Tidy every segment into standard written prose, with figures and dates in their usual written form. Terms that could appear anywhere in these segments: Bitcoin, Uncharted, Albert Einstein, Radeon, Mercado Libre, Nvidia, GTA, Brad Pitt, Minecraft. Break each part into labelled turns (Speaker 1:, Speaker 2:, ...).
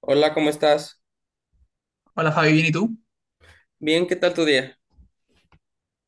Speaker 1: Hola, ¿cómo estás?
Speaker 2: Hola Fabi, ¿bien y tú?
Speaker 1: Bien, ¿qué tal tu día?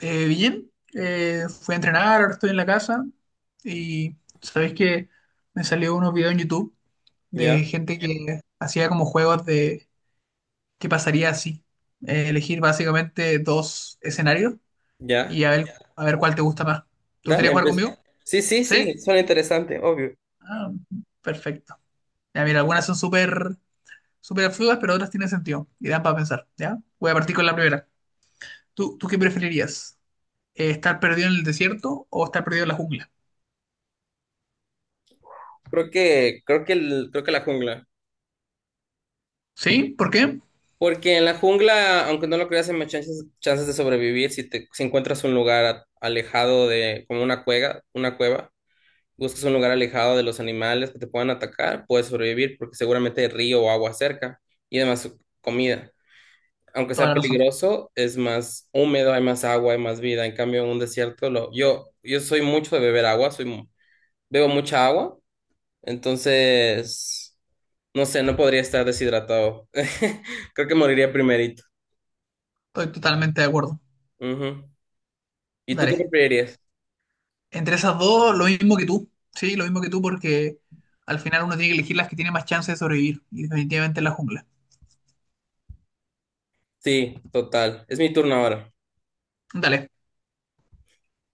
Speaker 2: Bien, fui a entrenar, ahora estoy en la casa y sabéis que me salió unos videos en YouTube de
Speaker 1: Ya,
Speaker 2: gente que hacía como juegos de qué pasaría si. Elegir básicamente dos escenarios
Speaker 1: ya.
Speaker 2: y a ver cuál te gusta más. ¿Te gustaría
Speaker 1: Dale,
Speaker 2: jugar
Speaker 1: empieza.
Speaker 2: conmigo?
Speaker 1: Sí, sí,
Speaker 2: ¿Sí?
Speaker 1: sí, suena interesante, obvio.
Speaker 2: Ah, perfecto. Ya mira, algunas son súper absurdas, pero otras tienen sentido y dan para pensar, ¿ya? Voy a partir con la primera. ¿Tú qué preferirías? ¿Estar perdido en el desierto o estar perdido en la jungla?
Speaker 1: Creo que la jungla.
Speaker 2: ¿Sí? ¿Por qué?
Speaker 1: Porque en la jungla, aunque no lo creas, hay más chances de sobrevivir si si encuentras un lugar alejado de, como una cueva, una cueva. Buscas un lugar alejado de los animales que te puedan atacar, puedes sobrevivir porque seguramente hay río o agua cerca y además comida. Aunque
Speaker 2: Toda
Speaker 1: sea
Speaker 2: la razón.
Speaker 1: peligroso, es más húmedo, hay más agua, hay más vida. En cambio, en un desierto, yo soy mucho de beber agua, bebo mucha agua, entonces, no sé, no podría estar deshidratado. Creo que moriría primerito.
Speaker 2: Estoy totalmente de acuerdo.
Speaker 1: Ujú. ¿Y tú qué
Speaker 2: Dale.
Speaker 1: preferirías?
Speaker 2: Entre esas dos, lo mismo que tú. Sí, lo mismo que tú, porque al final uno tiene que elegir las que tiene más chance de sobrevivir. Y definitivamente la jungla.
Speaker 1: Sí, total. Es mi turno ahora.
Speaker 2: Dale.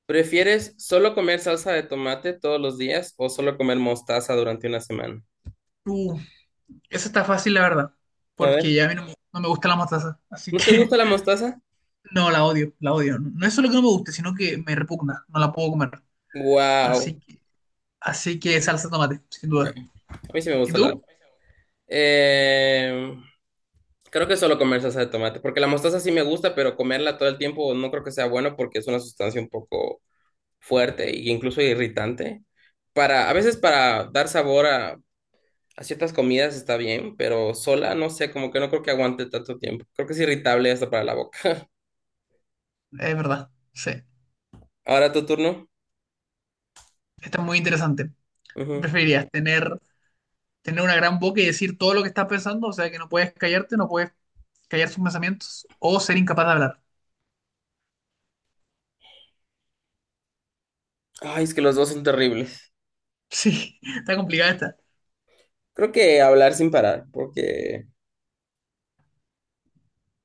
Speaker 1: ¿Prefieres solo comer salsa de tomate todos los días o solo comer mostaza durante una semana?
Speaker 2: Uh, esa está fácil, la verdad.
Speaker 1: A
Speaker 2: Porque
Speaker 1: ver,
Speaker 2: ya a mí no me gusta la mostaza. Así
Speaker 1: ¿no te
Speaker 2: que
Speaker 1: gusta la mostaza?
Speaker 2: no, la odio, la odio. No es solo que no me guste, sino que me repugna. No la puedo comer. Así
Speaker 1: Wow.
Speaker 2: que, así que salsa de tomate, sin
Speaker 1: Ya.
Speaker 2: duda.
Speaker 1: A mí sí me
Speaker 2: ¿Y
Speaker 1: gusta la.
Speaker 2: tú?
Speaker 1: Eh, Creo que solo comer salsa de tomate, porque la mostaza sí me gusta, pero comerla todo el tiempo no creo que sea bueno porque es una sustancia un poco fuerte e incluso irritante. A veces para dar sabor a, ciertas comidas está bien, pero sola no sé, como que no creo que aguante tanto tiempo. Creo que es irritable hasta para la boca.
Speaker 2: Es verdad. Sí.
Speaker 1: Ahora tu turno.
Speaker 2: Está muy interesante. ¿Qué
Speaker 1: Ujú.
Speaker 2: ¿Preferirías tener una gran boca y decir todo lo que estás pensando, o sea que no puedes callarte, no puedes callar sus pensamientos, o ser incapaz de hablar?
Speaker 1: Ay, es que los dos son terribles.
Speaker 2: Sí, está complicada esta.
Speaker 1: Creo que hablar sin parar, porque,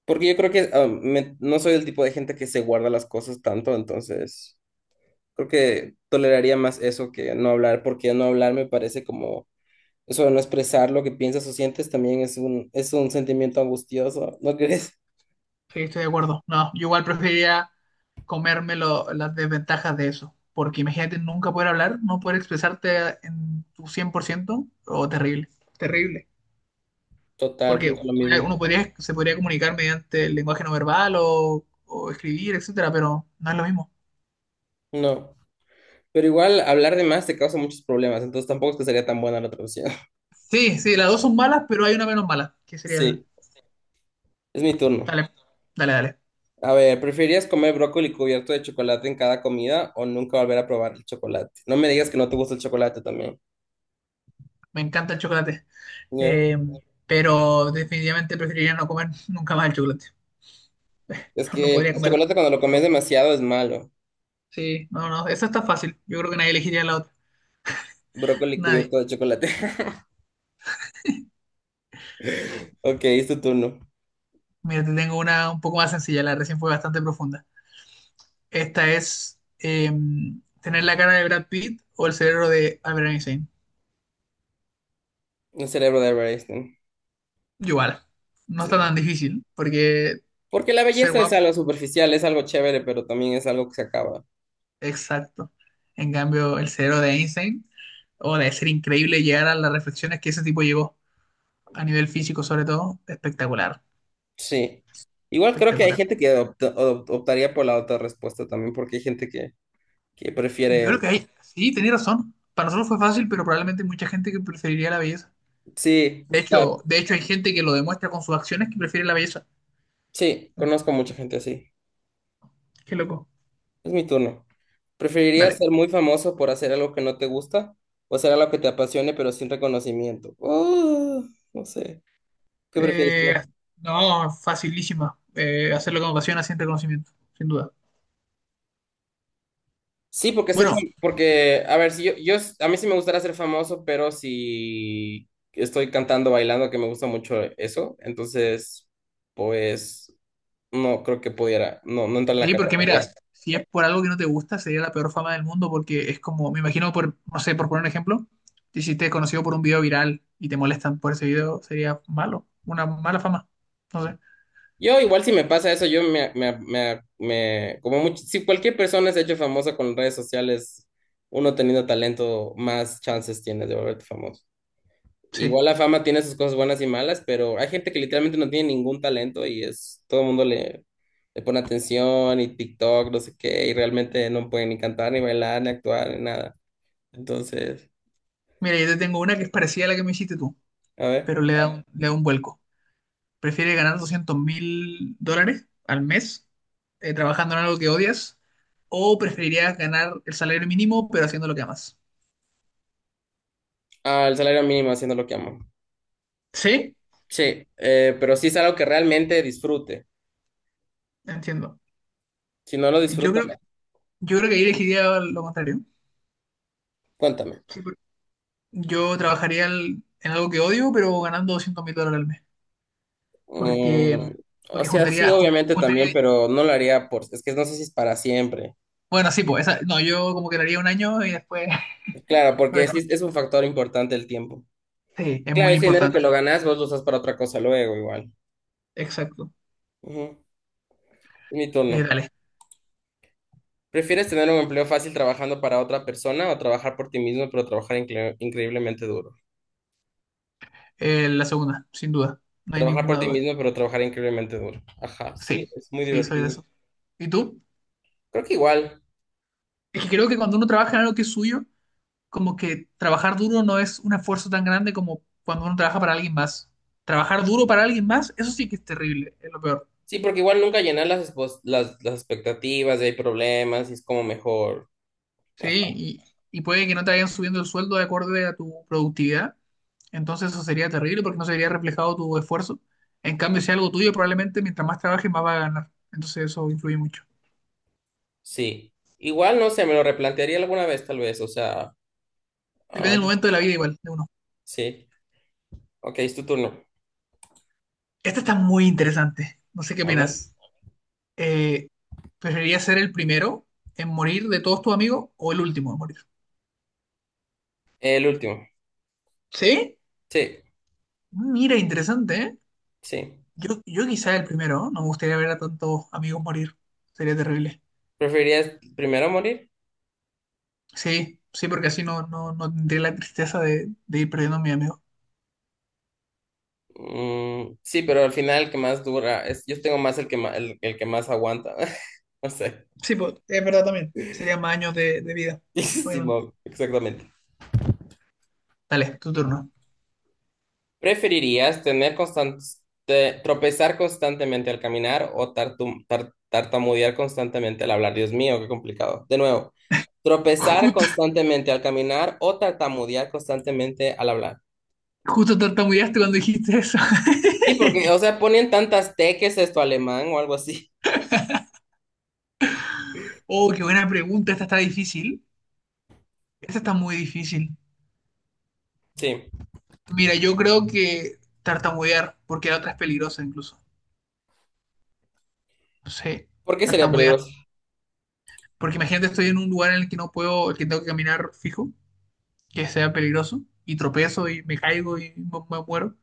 Speaker 1: porque yo creo que no soy el tipo de gente que se guarda las cosas tanto, entonces. Creo que toleraría más eso que no hablar, porque no hablar me parece como eso de no expresar lo que piensas o sientes también es un sentimiento angustioso, ¿no crees?
Speaker 2: Sí, estoy de acuerdo. No, yo igual preferiría las desventajas de eso, porque imagínate nunca poder hablar, no poder expresarte en tu 100%. O terrible, terrible.
Speaker 1: Total,
Speaker 2: Porque
Speaker 1: pienso lo mismo.
Speaker 2: uno podría, se podría comunicar mediante el lenguaje no verbal o escribir, etcétera, pero no es lo mismo.
Speaker 1: No, pero igual hablar de más te causa muchos problemas, entonces tampoco es que sería tan buena la otra opción.
Speaker 2: Sí, sí, las dos son malas, pero hay una menos mala, que sería esa.
Speaker 1: Sí, es mi turno.
Speaker 2: Dale, dale, dale.
Speaker 1: A ver, ¿preferirías comer brócoli cubierto de chocolate en cada comida o nunca volver a probar el chocolate? No me digas que no te gusta el chocolate también.
Speaker 2: Me encanta el chocolate.
Speaker 1: Ñe.
Speaker 2: Eh, pero definitivamente preferiría no comer nunca más el chocolate.
Speaker 1: Es
Speaker 2: No, no
Speaker 1: que
Speaker 2: podría
Speaker 1: el
Speaker 2: comer
Speaker 1: chocolate cuando lo comes
Speaker 2: brócoli.
Speaker 1: demasiado es malo.
Speaker 2: Sí, no, no, eso está fácil. Yo creo que nadie elegiría la otra.
Speaker 1: Brócoli
Speaker 2: Nadie.
Speaker 1: cubierto de chocolate. Ok, es tu turno.
Speaker 2: Mira, te tengo una un poco más sencilla. La recién fue bastante profunda. Esta es tener la cara de Brad Pitt o el cerebro de Albert Einstein.
Speaker 1: El cerebro de Albert Einstein.
Speaker 2: Igual. No está
Speaker 1: Sí.
Speaker 2: tan difícil porque
Speaker 1: Porque la
Speaker 2: ser
Speaker 1: belleza es
Speaker 2: guapo,
Speaker 1: algo superficial, es algo chévere, pero también es algo que se acaba.
Speaker 2: exacto. En cambio, el cerebro de Einstein, o de ser increíble y llegar a las reflexiones que ese tipo llegó. A nivel físico sobre todo, espectacular,
Speaker 1: Sí. Igual creo que hay
Speaker 2: espectacular.
Speaker 1: gente que optaría por la otra respuesta también, porque hay gente que prefiere
Speaker 2: Yo creo
Speaker 1: el.
Speaker 2: que hay, sí, tenés razón. Para nosotros fue fácil, pero probablemente hay mucha gente que preferiría la belleza.
Speaker 1: Sí, claro.
Speaker 2: De hecho hay gente que lo demuestra con sus acciones que prefiere la belleza.
Speaker 1: Sí, conozco mucha gente así.
Speaker 2: Qué loco.
Speaker 1: Es mi turno. ¿Preferirías
Speaker 2: Dale.
Speaker 1: ser muy famoso por hacer algo que no te gusta o hacer algo que te apasione pero sin reconocimiento? No sé. ¿Qué prefieres
Speaker 2: Eh,
Speaker 1: tú?
Speaker 2: no, facilísima. Hacerlo con pasión, asiente conocimiento, sin duda.
Speaker 1: Sí, porque
Speaker 2: Bueno,
Speaker 1: porque, a ver, si yo, yo, s- a mí sí me gustaría ser famoso, pero si estoy cantando, bailando, que me gusta mucho eso, entonces, pues, no creo que pudiera, no, no entra en la
Speaker 2: sí, porque mira,
Speaker 1: categoría.
Speaker 2: si es por algo que no te gusta, sería la peor fama del mundo, porque es como, me imagino, no sé, por poner un ejemplo, te hiciste conocido por un video viral y te molestan por ese video, sería malo, una mala fama. No sé.
Speaker 1: Yo igual si me pasa eso, yo me, me, me, me- como mucho, si cualquier persona se ha hecho famosa con redes sociales, uno teniendo talento, más chances tienes de volverte famoso. Igual
Speaker 2: Sí.
Speaker 1: la fama tiene sus cosas buenas y malas, pero hay gente que literalmente no tiene ningún talento todo el mundo le pone atención y TikTok, no sé qué, y realmente no pueden ni cantar, ni bailar, ni actuar, ni nada. Entonces,
Speaker 2: Mira, yo te tengo una que es parecida a la que me hiciste tú,
Speaker 1: a ver.
Speaker 2: pero le da un vuelco. Prefiere ganar $200.000 al mes, trabajando en algo que odias, o preferirías ganar el salario mínimo, pero haciendo lo que amas.
Speaker 1: Ah, el salario mínimo haciendo lo que amo.
Speaker 2: Sí,
Speaker 1: Sí, pero sí es algo que realmente disfrute.
Speaker 2: entiendo.
Speaker 1: Si no lo
Speaker 2: Yo
Speaker 1: disfruto,
Speaker 2: creo,
Speaker 1: no.
Speaker 2: yo creo que ahí elegiría lo contrario.
Speaker 1: Cuéntame.
Speaker 2: En algo que odio, pero ganando 200 mil dólares al mes. Porque, mm,
Speaker 1: Mm, o
Speaker 2: porque
Speaker 1: sea, sí, obviamente también,
Speaker 2: juntaría.
Speaker 1: pero no lo haría por, es que no sé si es para siempre.
Speaker 2: Bueno, sí, pues, no, yo como que lo haría un año y después
Speaker 1: Claro,
Speaker 2: lo
Speaker 1: porque sí
Speaker 2: dejo.
Speaker 1: es un factor importante el tiempo.
Speaker 2: Sí, es
Speaker 1: Claro,
Speaker 2: muy
Speaker 1: ese dinero que lo
Speaker 2: importante.
Speaker 1: ganas, vos lo usas para otra cosa luego, igual.
Speaker 2: Exacto.
Speaker 1: Ujú. Mi turno.
Speaker 2: Dale.
Speaker 1: ¿Prefieres tener un empleo fácil trabajando para otra persona o trabajar por ti mismo, pero trabajar increíblemente duro?
Speaker 2: La segunda, sin duda. No hay
Speaker 1: Trabajar por
Speaker 2: ninguna
Speaker 1: ti
Speaker 2: duda.
Speaker 1: mismo, pero trabajar increíblemente duro. Ajá, sí,
Speaker 2: Sí,
Speaker 1: es muy
Speaker 2: sí, soy de
Speaker 1: divertido.
Speaker 2: eso. ¿Y tú?
Speaker 1: Creo que igual.
Speaker 2: Es que creo que cuando uno trabaja en algo que es suyo, como que trabajar duro no es un esfuerzo tan grande como cuando uno trabaja para alguien más. Trabajar duro para alguien más, eso sí que es terrible, es lo peor.
Speaker 1: Sí, porque igual nunca llenas las expectativas, y hay problemas, y es como mejor.
Speaker 2: Sí,
Speaker 1: Ajá,
Speaker 2: y, y puede que no te vayan subiendo el sueldo de acorde a tu productividad. Entonces eso sería terrible porque no se vería reflejado tu esfuerzo. En cambio, si es algo tuyo, probablemente mientras más trabajes, más vas a ganar. Entonces eso influye mucho.
Speaker 1: sí. Igual, no sé, me lo replantearía alguna vez, tal vez. O sea,
Speaker 2: Depende
Speaker 1: ah,
Speaker 2: del momento de la vida igual de uno.
Speaker 1: sí. Ok, es tu turno.
Speaker 2: Esta está muy interesante. No sé qué
Speaker 1: A ver.
Speaker 2: opinas. Eh, ¿Preferirías ser el primero en morir de todos tus amigos o el último en morir?
Speaker 1: El último.
Speaker 2: ¿Sí?
Speaker 1: Sí,
Speaker 2: Mira, interesante, ¿eh?
Speaker 1: sí.
Speaker 2: Yo quizá el primero, ¿no? No me gustaría ver a tantos amigos morir. Sería terrible.
Speaker 1: ¿Preferirías primero morir?
Speaker 2: Sí, sí, porque así no tendría la tristeza de ir perdiendo a mi amigo.
Speaker 1: Mm, sí, pero al final el que más dura es, yo tengo más el que más, el que más aguanta. No sé.
Speaker 2: Sí, pues, es verdad también. Sería más años de vida,
Speaker 1: Sí,
Speaker 2: obviamente.
Speaker 1: no, exactamente.
Speaker 2: Dale, tu turno.
Speaker 1: ¿Preferirías tropezar constantemente al caminar o tartamudear constantemente al hablar? Dios mío, qué complicado. De nuevo, tropezar
Speaker 2: Justo,
Speaker 1: constantemente al caminar o tartamudear constantemente al hablar.
Speaker 2: justo tartamudeaste cuando dijiste eso.
Speaker 1: Sí, porque, o sea, ponen tantas teques esto alemán o algo así.
Speaker 2: Oh, qué buena pregunta. Esta está difícil. Esta está muy difícil.
Speaker 1: Sí,
Speaker 2: Mira, yo creo que tartamudear, porque la otra es peligrosa incluso. No sé,
Speaker 1: porque sería
Speaker 2: tartamudear.
Speaker 1: peligroso.
Speaker 2: Porque imagínate, estoy en un lugar en el que no puedo, el que tengo que caminar fijo, que sea peligroso, y tropezo y me caigo muero.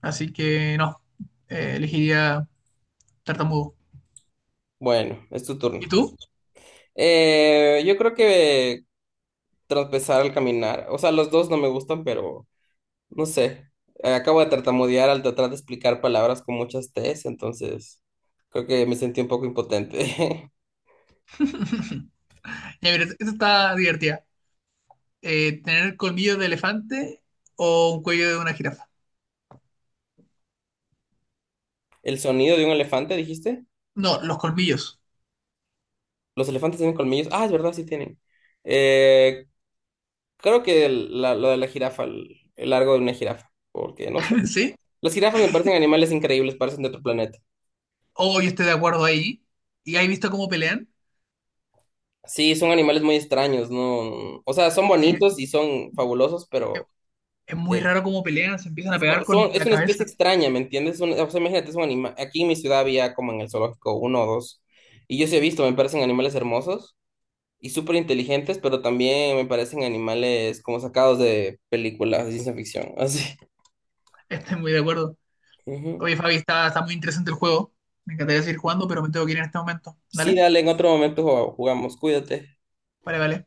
Speaker 2: Así que no, elegiría tartamudo.
Speaker 1: Bueno, es tu turno.
Speaker 2: ¿Y tú?
Speaker 1: Yo creo que tropezar al caminar. O sea, los dos no me gustan, pero no sé. Acabo de tartamudear al tratar de explicar palabras con muchas T's, entonces creo que me sentí un poco impotente.
Speaker 2: Ya, mira, esta está divertida. ¿Tener colmillos de elefante o un cuello de una jirafa?
Speaker 1: El sonido de un elefante, dijiste.
Speaker 2: No, los colmillos,
Speaker 1: Los elefantes tienen colmillos. Ah, es verdad, sí tienen. Eh, Creo que lo de la jirafa, el largo de una jirafa, porque no sé.
Speaker 2: ¿sí?
Speaker 1: Las jirafas me parecen animales increíbles, parecen de otro planeta.
Speaker 2: O yo estoy de acuerdo ahí. ¿Y has visto cómo pelean?
Speaker 1: Sí, son animales muy extraños, ¿no? O sea, son
Speaker 2: Eh,
Speaker 1: bonitos y son fabulosos, pero
Speaker 2: es muy
Speaker 1: eh,
Speaker 2: raro cómo pelean, se empiezan a pegar con
Speaker 1: es
Speaker 2: la
Speaker 1: una especie
Speaker 2: cabeza.
Speaker 1: extraña, ¿me entiendes? O sea, imagínate, Aquí en mi ciudad había como en el zoológico uno o dos, y yo sí he visto, me parecen animales hermosos y súper inteligentes, pero también me parecen animales como sacados de películas de ciencia ficción, así.
Speaker 2: Estoy muy de acuerdo.
Speaker 1: Ujú.
Speaker 2: Oye, Fabi, está muy interesante el juego. Me encantaría seguir jugando, pero me tengo que ir en este momento.
Speaker 1: Sí,
Speaker 2: ¿Dale?
Speaker 1: dale, en otro momento jugamos, cuídate.
Speaker 2: Vale, vale.